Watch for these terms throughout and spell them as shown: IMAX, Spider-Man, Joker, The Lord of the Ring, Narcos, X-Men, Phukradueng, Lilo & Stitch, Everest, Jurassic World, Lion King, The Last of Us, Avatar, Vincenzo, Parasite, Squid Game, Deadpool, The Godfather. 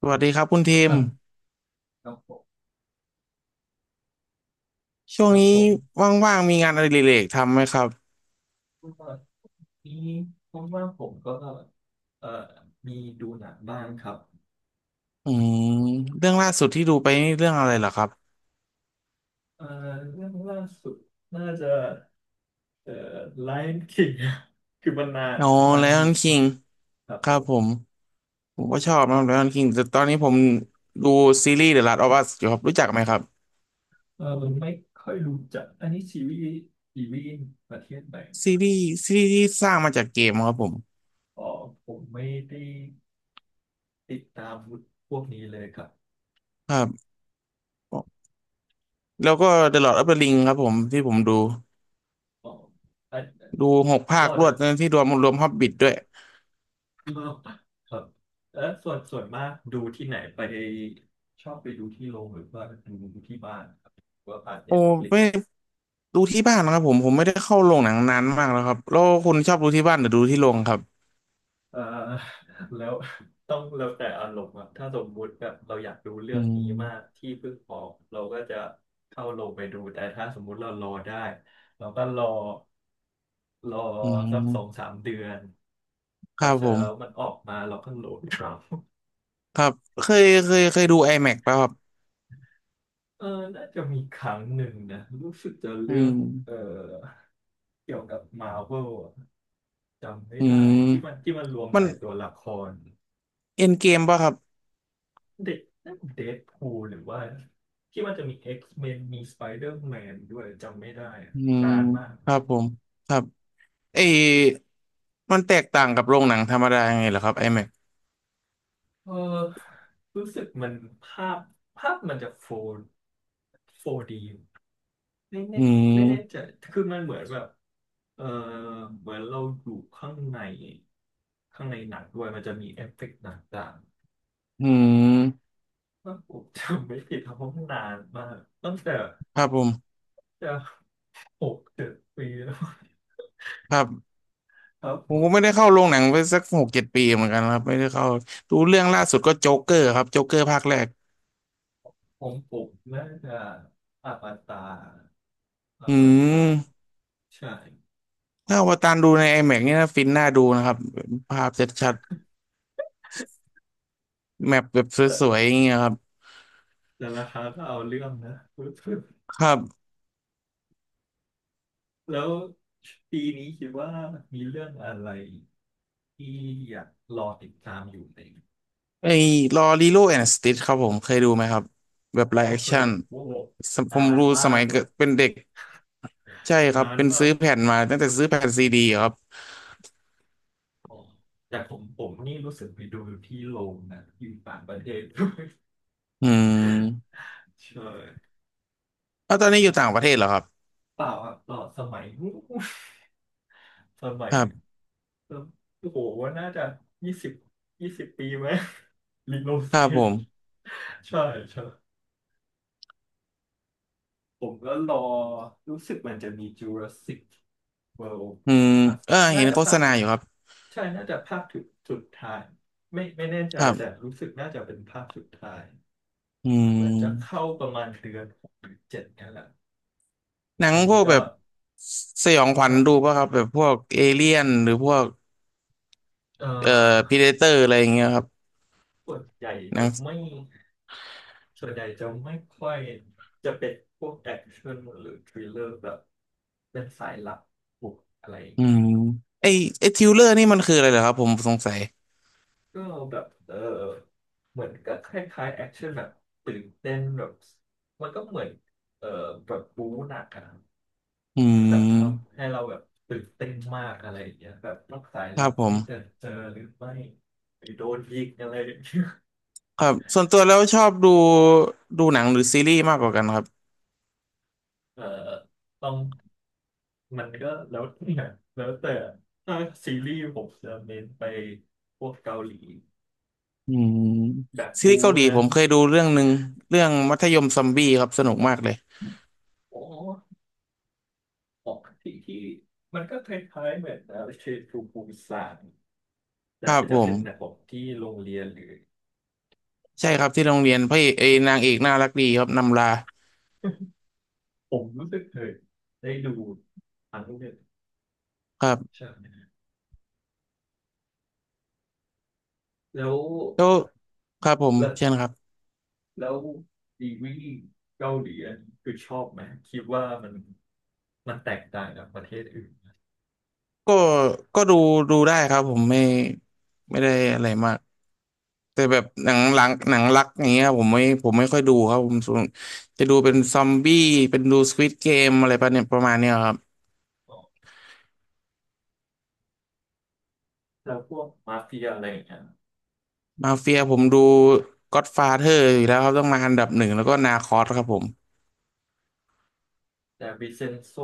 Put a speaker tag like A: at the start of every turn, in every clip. A: สวัสดีครับคุณทีม
B: ฮะกับผม
A: ช่วง
B: กับ
A: นี้
B: ผม
A: ว่างๆมีงานอดิเรกทำไหมครับ
B: ก็นี้ผมว่าผมก็เอ่อมีดูหนังบ้างครับ
A: อืมเรื่องล่าสุดที่ดูไปนี่เรื่องอะไรเหรอครับ
B: เอ่อเรื่องล่าสุดน่าจะเอ่อ Lion King คือมันนาน
A: อ๋อ
B: นา
A: ไล
B: น
A: อ
B: อ
A: อ
B: ยู่
A: นคิง
B: ครับ
A: ค
B: ผ
A: รับ
B: ม
A: ผมผมก็ชอบนะไลออนคิงแต่ตอนนี้ผมดูซีรีส์ The Last of Us อยู่ครับรู้จักไหมครับ
B: เออไม่ค่อยรู้จักอันนี้ซีรีส์ประเทศไหน
A: ซีรีส์ที่สร้างมาจากเกมครับผม
B: อ๋อผมไม่ได้ติดตามพวกนี้เลยครับ
A: ครับแล้วก็ The Lord of the Ring ครับผมที่ผมดู
B: อ๋ออัน
A: ดูหกภาค
B: เราอ
A: รว
B: จะ
A: ดนะที่รวม h o b บิ t ด้วย
B: มากกว่าครับแล้วส่วนมากดูที่ไหนไปชอบไปดูที่โรงหรือว่าดูที่บ้านครับหรือว่าผ่าน
A: โอ้
B: เน็ตฟลิก
A: ไม่ ดูที่บ้านนะครับผมไม่ได้เข้าโรงหนังนานมากแล้วครับแล้วคุณชอบดูที่บ้านหรือดูที่โรงครับ
B: เอ่อแล้วต้องแล้วแต่อารมณ์อะถ้าสมมุติแบบเราอยากดูเรื่
A: อื
B: องนี้มาก
A: ม
B: ที่เพิ่งออกเราก็จะเข้าโรงไปดูแต่ถ้าสมมุติเรารอได้เราก็รอ
A: อื
B: สักสอง
A: ม
B: สามเดือน
A: ค
B: แล้
A: รั
B: ว
A: บ
B: เสร็
A: ผ
B: จแล้วมัน
A: ม
B: ออกมาเราก็โหลดครับ
A: ครับเคยดู IMAX ป่ะครับ
B: เออน่าจะมีครั้งหนึ่งนะรู้สึกจะ
A: อื
B: เรื่อง
A: ม
B: เออเกี่ยวกับมาร์เวลจำไม่
A: อื
B: ได้ที่มัน
A: ม
B: ที่มันรวมห
A: มัน
B: ลายตัวละคร
A: เอ็นเกมป่ะครับ
B: เด็กนั่นเดดพูลหรือว่าที่มันจะมี X-Men มนมี Spider-Man ดอร์แมนด้วยจำไม่ได้อะ
A: อืม
B: นานมาก
A: ครับผมครับเออมันแตกต่างกับโรงหนังธรรมดายังไงเหรอครับ IMAX อแม็กซ์
B: เออรู้สึกมันภาพภาพมันจะโฟร์ดี ไม่แน่
A: อื
B: ไม่แน่ใจ
A: ม
B: คือมันเหมือนแบบเออเหมือนเราอยู่ข้างในหนังด้วยมันจะมีเอฟเฟกต์ต่าง
A: อืม
B: ๆว่าผมจำไม่ผิดเพราะมันนานมากตั้งแต่
A: ครับผม
B: จะหกเจ็ดปีแล้ว
A: ครับ
B: ครับ
A: ผ
B: ผ
A: มก็
B: ม
A: ไม่ได้เข้าโรงหนังไปสักหกเจ็ดปีเหมือนกันครับไม่ได้เข้าดูเรื่องล่าสุดก็โจ๊กเกอร์ครับโจ๊กเกอร์ภาคแรก
B: ผมผมน่าจะอวตารอ
A: อื
B: วตาร
A: ม
B: ใช่
A: ถ้าอวตารดูใน IMAX เนี่นะฟินน่าดูนะครับภาพชัดๆแมปแบบ
B: แต่
A: สวยๆอย่างเงี้ยครับ
B: แต่ราคาก็เอาเรื่องนะ
A: ครับ
B: แล้วปีนี้คิดว่ามีเรื่องอะไรที่อยากรอติดตามอยู่ไหม
A: ไอ้ลอรีโลแอนด์สติทครับผมเคยดูไหมครับแบบ
B: อ๋อ
A: ไลฟ์แอค
B: เคย
A: ชั่น
B: โอ้โห
A: ผ
B: นา
A: ม
B: น
A: ดู
B: มา
A: สมั
B: ก
A: ย
B: เล
A: เกิ
B: ย
A: ดเป็นเด็กใช่ครับ
B: นาน
A: เป็น
B: มา
A: ซื้
B: ก
A: อแผ่นมาตั้งแต่ซื้อแผ่นซีดีครับ
B: อ๋อแต่ผมนี่รู้สึกไปดูอยู่ที่โรงนะอยู่ต่างประเทศ ด้วย
A: อืม
B: ใช่
A: แล้วตอนนี้อยู่ต่างประเทศเหรอครับ
B: เปล่าอ่ะเปล่าสมัยนู้น สมั
A: ค
B: ย
A: รับ
B: เออโอ้โหว่าน่าจะยี่สิบยี่สิบปีไหม ลิโน
A: ค
B: เซ
A: รับผ
B: ช
A: ม
B: ใช่ใช่ ผมก็รอรู้สึกมันจะมี Jurassic World
A: อืม
B: ภาค
A: เออ
B: น่า
A: เห็น
B: จะ
A: โฆ
B: ภา
A: ษ
B: ค
A: ณาอยู่ครับ
B: ใช่น่าจะภาคสุดท้ายไม่แน่ใจ
A: ครั
B: แต่
A: บ
B: รู้สึกน่าจะเป็นภาคสุดท้าย
A: อื
B: ว่าจะ
A: ม
B: เข้าประมาณเดือนหกหรือเจ็ดเนี่ยแหละ
A: หนัง
B: อัน
A: พ
B: นี้
A: วกแบ
B: ก็
A: บสยองขวั
B: ค
A: ญ
B: รั
A: ดู
B: บ
A: ป่ะครับแบบพวกเอเลี่ยนหรือพวก
B: เอ่
A: เอ่อ
B: อ
A: พีเดเตอร์อะไรอย่างเงี้ยครับ
B: ส่วนใหญ่
A: นั
B: จะ
A: ง
B: ไม่ส่วนใหญ่จะไม่ค่อยจะเป็นพวกแอคชั่นหรือทริลเลอร์แบบเป็นสายลับบุกอะไรอย่าง
A: อื
B: เงี้
A: ม
B: ย
A: ไอไอทิวเลอร์นี่มันคืออะไรเหรอครับผมสงสัย
B: ก็แบบเหมือนก็คล้ายๆแอคชั่นแบบตื่นเต้นแบบมันก็เหมือนเออแบบบู๊หนักอะ
A: อื
B: แบบท
A: ม
B: ำให้เราแบบตื่นเต้นมากอะไรอย่างเงี้ยแบบต้องสาย
A: ครั
B: ลั
A: บ
B: บ
A: ผ
B: นี่จะ
A: ม
B: เจอหรือไม่หรือโดนยิงอะไรอย่างเงี้ย
A: ครับส่วนตัวแล้วชอบดูหนังหรือซีรีส์มากกว่ากันครับ
B: เออต้องมันก็แล้วแต่ถ้าซีรีส์ผมจะเน้นไปพวกเกาหลี
A: อืม
B: แบบ
A: ซีรี
B: บู๊
A: ส์เกาหลี
B: นะ
A: ผมเคยดูเรื่องหนึ่งเรื่องมัธยมซอมบี้ครับสนุกมากเลย
B: อ๋อออกที่มันก็คล้ายๆเหมือนเชนทรูปูซาน
A: ค
B: แต่
A: รับผ
B: จะเป็นแบบผ
A: ม
B: มที่โรงเรียนหรือ
A: ใช่ครับที่โรง
B: เนี่
A: เรี
B: ย
A: ยนพระเอกเอยนางเอกน่ารักดีครับนำลา
B: มผมรู้สึกเคยได้ดูอันนู้น
A: ครับ
B: ใช่ไหมแล้ว
A: แล้วครับผม
B: แล้ว
A: เช่นครับ
B: แล้วดีวีเกาหลีอันนี้คือชอบไหมคิดว่ามันมันแตกต่างจากประเทศอื่น
A: ก็ก็ดูได้ครับผมไม่ได้อะไรมาก แต่แบบหนังรักอย่างเงี้ยผมไม่ค่อยดูครับผมส่วนจะดูเป็นซอมบี้เป็นดูสควิดเกมอะไรประเนี่ยประมาณเนี้ยครับ
B: อ๋อแล้วพวกมาเฟียอะไรอย่างเงี้ย
A: มาเฟียผมดูก็อดฟาเธอร์อยู่แล้วครับต้องมาอันดับหนึ่งแล้วก็นาคอสครับผม
B: แต่วิเซนโซ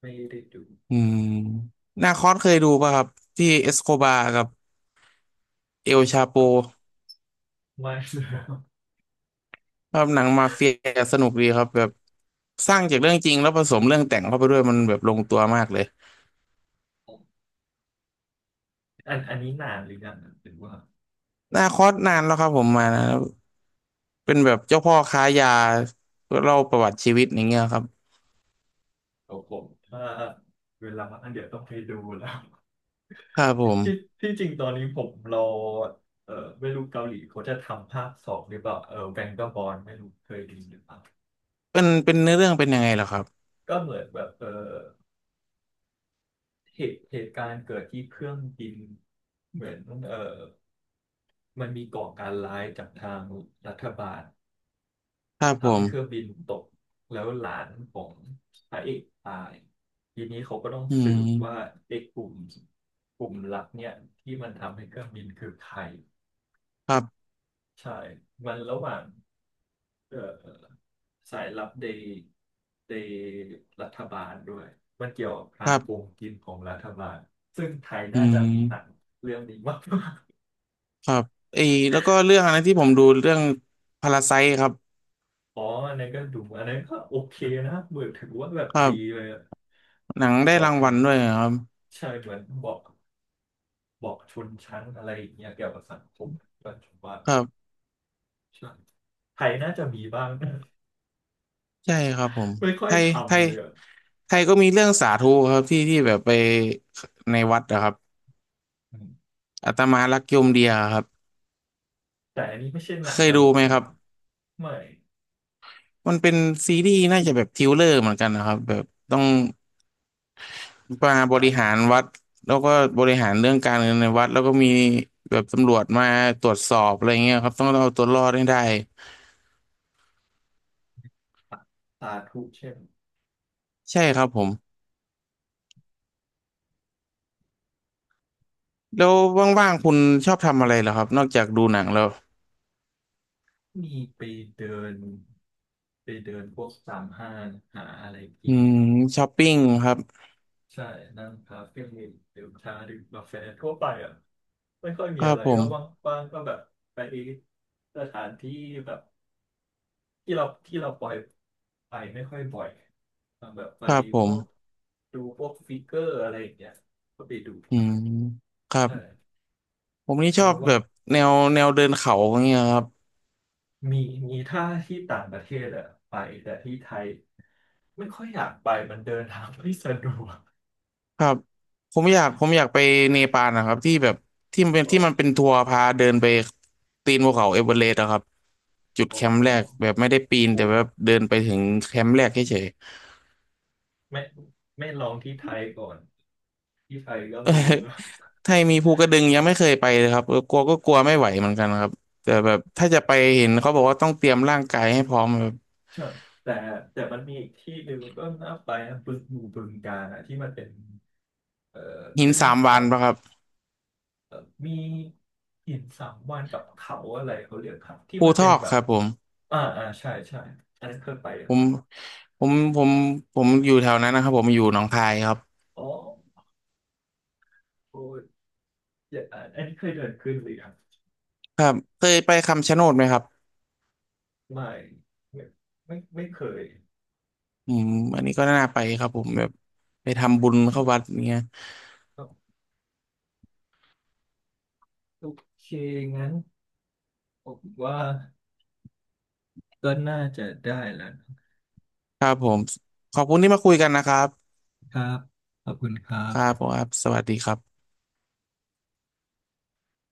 B: ไม่ได้ดู
A: อืมนาคอสเคยดูป่ะครับที่เอสโคบาร์กับเอลชาโป
B: เอ่อไม่ครับ
A: ครับหนังมาเฟียสนุกดีครับแบบสร้างจากเรื่องจริงแล้วผสมเรื่องแต่งเข้าไปด้วยมันแบบลงตัวมากเลย
B: อันนี้นานหรือยังหรือว่า
A: นาคอสนานแล้วครับผมมานะเป็นแบบเจ้าพ่อค้ายาเล่าประวัติชีวิตอย่างเงี้ยครับ
B: โอ้ผมถ้าเวลามันอันเดี๋ยวต้องไปดูแล้ว
A: ครับผ
B: ที่
A: ม
B: ที่จริงตอนนี้ผมรอเออไม่รู้เกาหลีเขาจะทำภาคสองหรือเปล่าแบงก์บอลไม่รู้เคยไดยนหรือเปล่า
A: เป็นเนื้อเรื่องเป็นยังไงเหรอครับ
B: ก็เหมือนแบบเหตุการณ์เกิดที่เครื่องบินเหมือนเออมันมีก่อการร้ายจากทางรัฐบาล
A: ครับผ
B: ทำให้เครื่อง
A: ม
B: บินตกแล้วหลานของพระเอกตายทีนี้เขาก็ต้อง
A: อื
B: สืบว่า
A: ม
B: เอกกลุ่มลับเนี่ยที่มันทำให้เครื่องบินคือใคร
A: ครับ
B: ใช่มันระหว่าง เอ่อสายลับในรัฐบาลด้วยมันเกี่ยวกับ
A: ค
B: การ
A: รั
B: โก
A: บ
B: งกินของรัฐบาลซึ่งไทย
A: อื
B: น่าจะมีหนัง
A: ม
B: เรื่องนี้มาก
A: ครับไอ้แล้วก็เรื่องอะไรที่ผมดูเรื่องพาราไซครับ
B: อ๋ออันนั้นก็ดูอันนั้นก็โอเคนะเหมือนถือว่าแบบ
A: ครั
B: ดีเล
A: บ
B: ยอะ
A: หนังได้
B: บอก
A: ราง
B: ถึ
A: วั
B: ง
A: ลด้วยครับ
B: ใช่เหมือนบอกชนชั้นอะไรอย่างเงี้ยเกี่ยวกับสังคมปัจจุบาน
A: ครับ
B: ใช่ไทยน่าจะมีบ้าง
A: ใช่ครับผม
B: ไม่ค่อ
A: ไท
B: ย
A: ย
B: ท
A: ไท
B: ำ
A: ย
B: เลยอะ
A: ไทยก็มีเรื่องสาธุครับที่แบบไปในวัดนะครับ
B: อืม
A: อาตมารักโยมเดียครับ
B: แต่อันนี้ไม่ใช่หนั
A: เค
B: ง
A: ย
B: ต
A: ดู
B: ลก
A: ไหม
B: ใช่
A: ค
B: ไหม
A: รับ
B: ไม่
A: มันเป็นซีรีส์น่าจะแบบทริลเลอร์เหมือนกันนะครับแบบต้อง มาบ
B: ใช่
A: ริหารวัดแล้วก็บริหารเรื่องการเงินในวัดแล้วก็มีแบบตำรวจมาตรวจสอบอะไรเงี้ยครับต้องเอาตัวรอดให้ได้
B: สาธุเช่น
A: ใช่ครับผมแล้วว่างๆคุณชอบทำอะไรเหรอครับนอกจากดูหนังแล้ว
B: มีเดินไปเดินพวกตามห้างหาอะไร
A: อื
B: กิน
A: มช้อปปิ้งครับ
B: ใช่นั่งคาเฟ่ดื่มชาดื่มกาแฟทั่วไปอ่ะไม่ค่อย
A: ค
B: มี
A: รั
B: อะ
A: บ
B: ไร
A: ผม
B: ก็ว่างๆก็แบบไปสถานที่แบบที่เราปล่อยไปไม่ค่อยบ่อยแบบไป
A: ครับผ
B: พวก
A: ม
B: ดูพวกฟิกเกอร์อะไรอย่างเงี้ยก็ไปดู
A: อื
B: ครับ
A: มครับ
B: ใช่
A: ผมนี่ช
B: แล้
A: อ
B: ว
A: บแบ
B: ว่าง
A: บแนวเดินเขาอย่างเงี้ยครับ
B: มีมีถ้าที่ต่างประเทศอะไปแต่ที่ไทยไม่ค่อยอยากไปมันเดินทางไม่สะดวก
A: ครับผมอยากไปเนปาลนะครับที่แบบที่มันเป็น
B: อ๋อ
A: ที่มันเป็นทัวร์พาเดินไปตีนภูเขาเอเวอเรสต์อะครับ จุด
B: อ๋อ
A: แคมป์
B: อ๋อ
A: แรกแบบไม่ได้ปีน
B: โอ้
A: แต่แบบเดินไปถึงแคมป์แรกเฉย
B: ไม่ไม่ลองที่ไทยก่อนที่ไทยก็
A: ๆ เออ
B: มีนะ
A: ไทยมีภูกระดึงยังไม่เคยไปเลยครับเออกลัวไม่ไหวเหมือนกันครับแต่แบบถ้าจะไปเห็นเขาบอกว่าต้องเตรียมร่างกายให้พร้อมแบบ
B: ใช่แต่แต่มันมีอีกที่หนึ่งก็น่าไปนะบึงอยู่บึงกาฬอะที่มันเป็นเอ่อ
A: หิน
B: ขึ้น
A: สามวา
B: เขา
A: นปะครับ
B: เอ่อมีหินสามวันกับเขาอะไรเขาเรียกครับที่
A: ภู
B: มัน
A: ท
B: เป็น
A: อก
B: แบ
A: ค
B: บ
A: รับ
B: อ่าอ่าใช่ใช่อันนั้นเคยไป
A: ผ
B: อะ
A: มผมผมผมอยู่แถวนั้นนะครับผมอยู่หนองคายครับ
B: อ๋อโอ้ย อย่าอันนี้เคยเดินขึ้นหรือยัง
A: ครับเคยไปคำชะโนดไหมครับ
B: ไม่ไม่ไม่ไม่เคย
A: อืมอันนี้ก็น่าไปครับผมแบบไปทำบุญเข้าวัดเงี้ย
B: โอเคงั้นผมว่าก็น่าจะได้แล้ว
A: ครับผมขอบคุณที่มาคุยกันนะครับ
B: นะครับขอบคุณครั
A: ครับ
B: บ
A: ผมครับสวัสดีครับ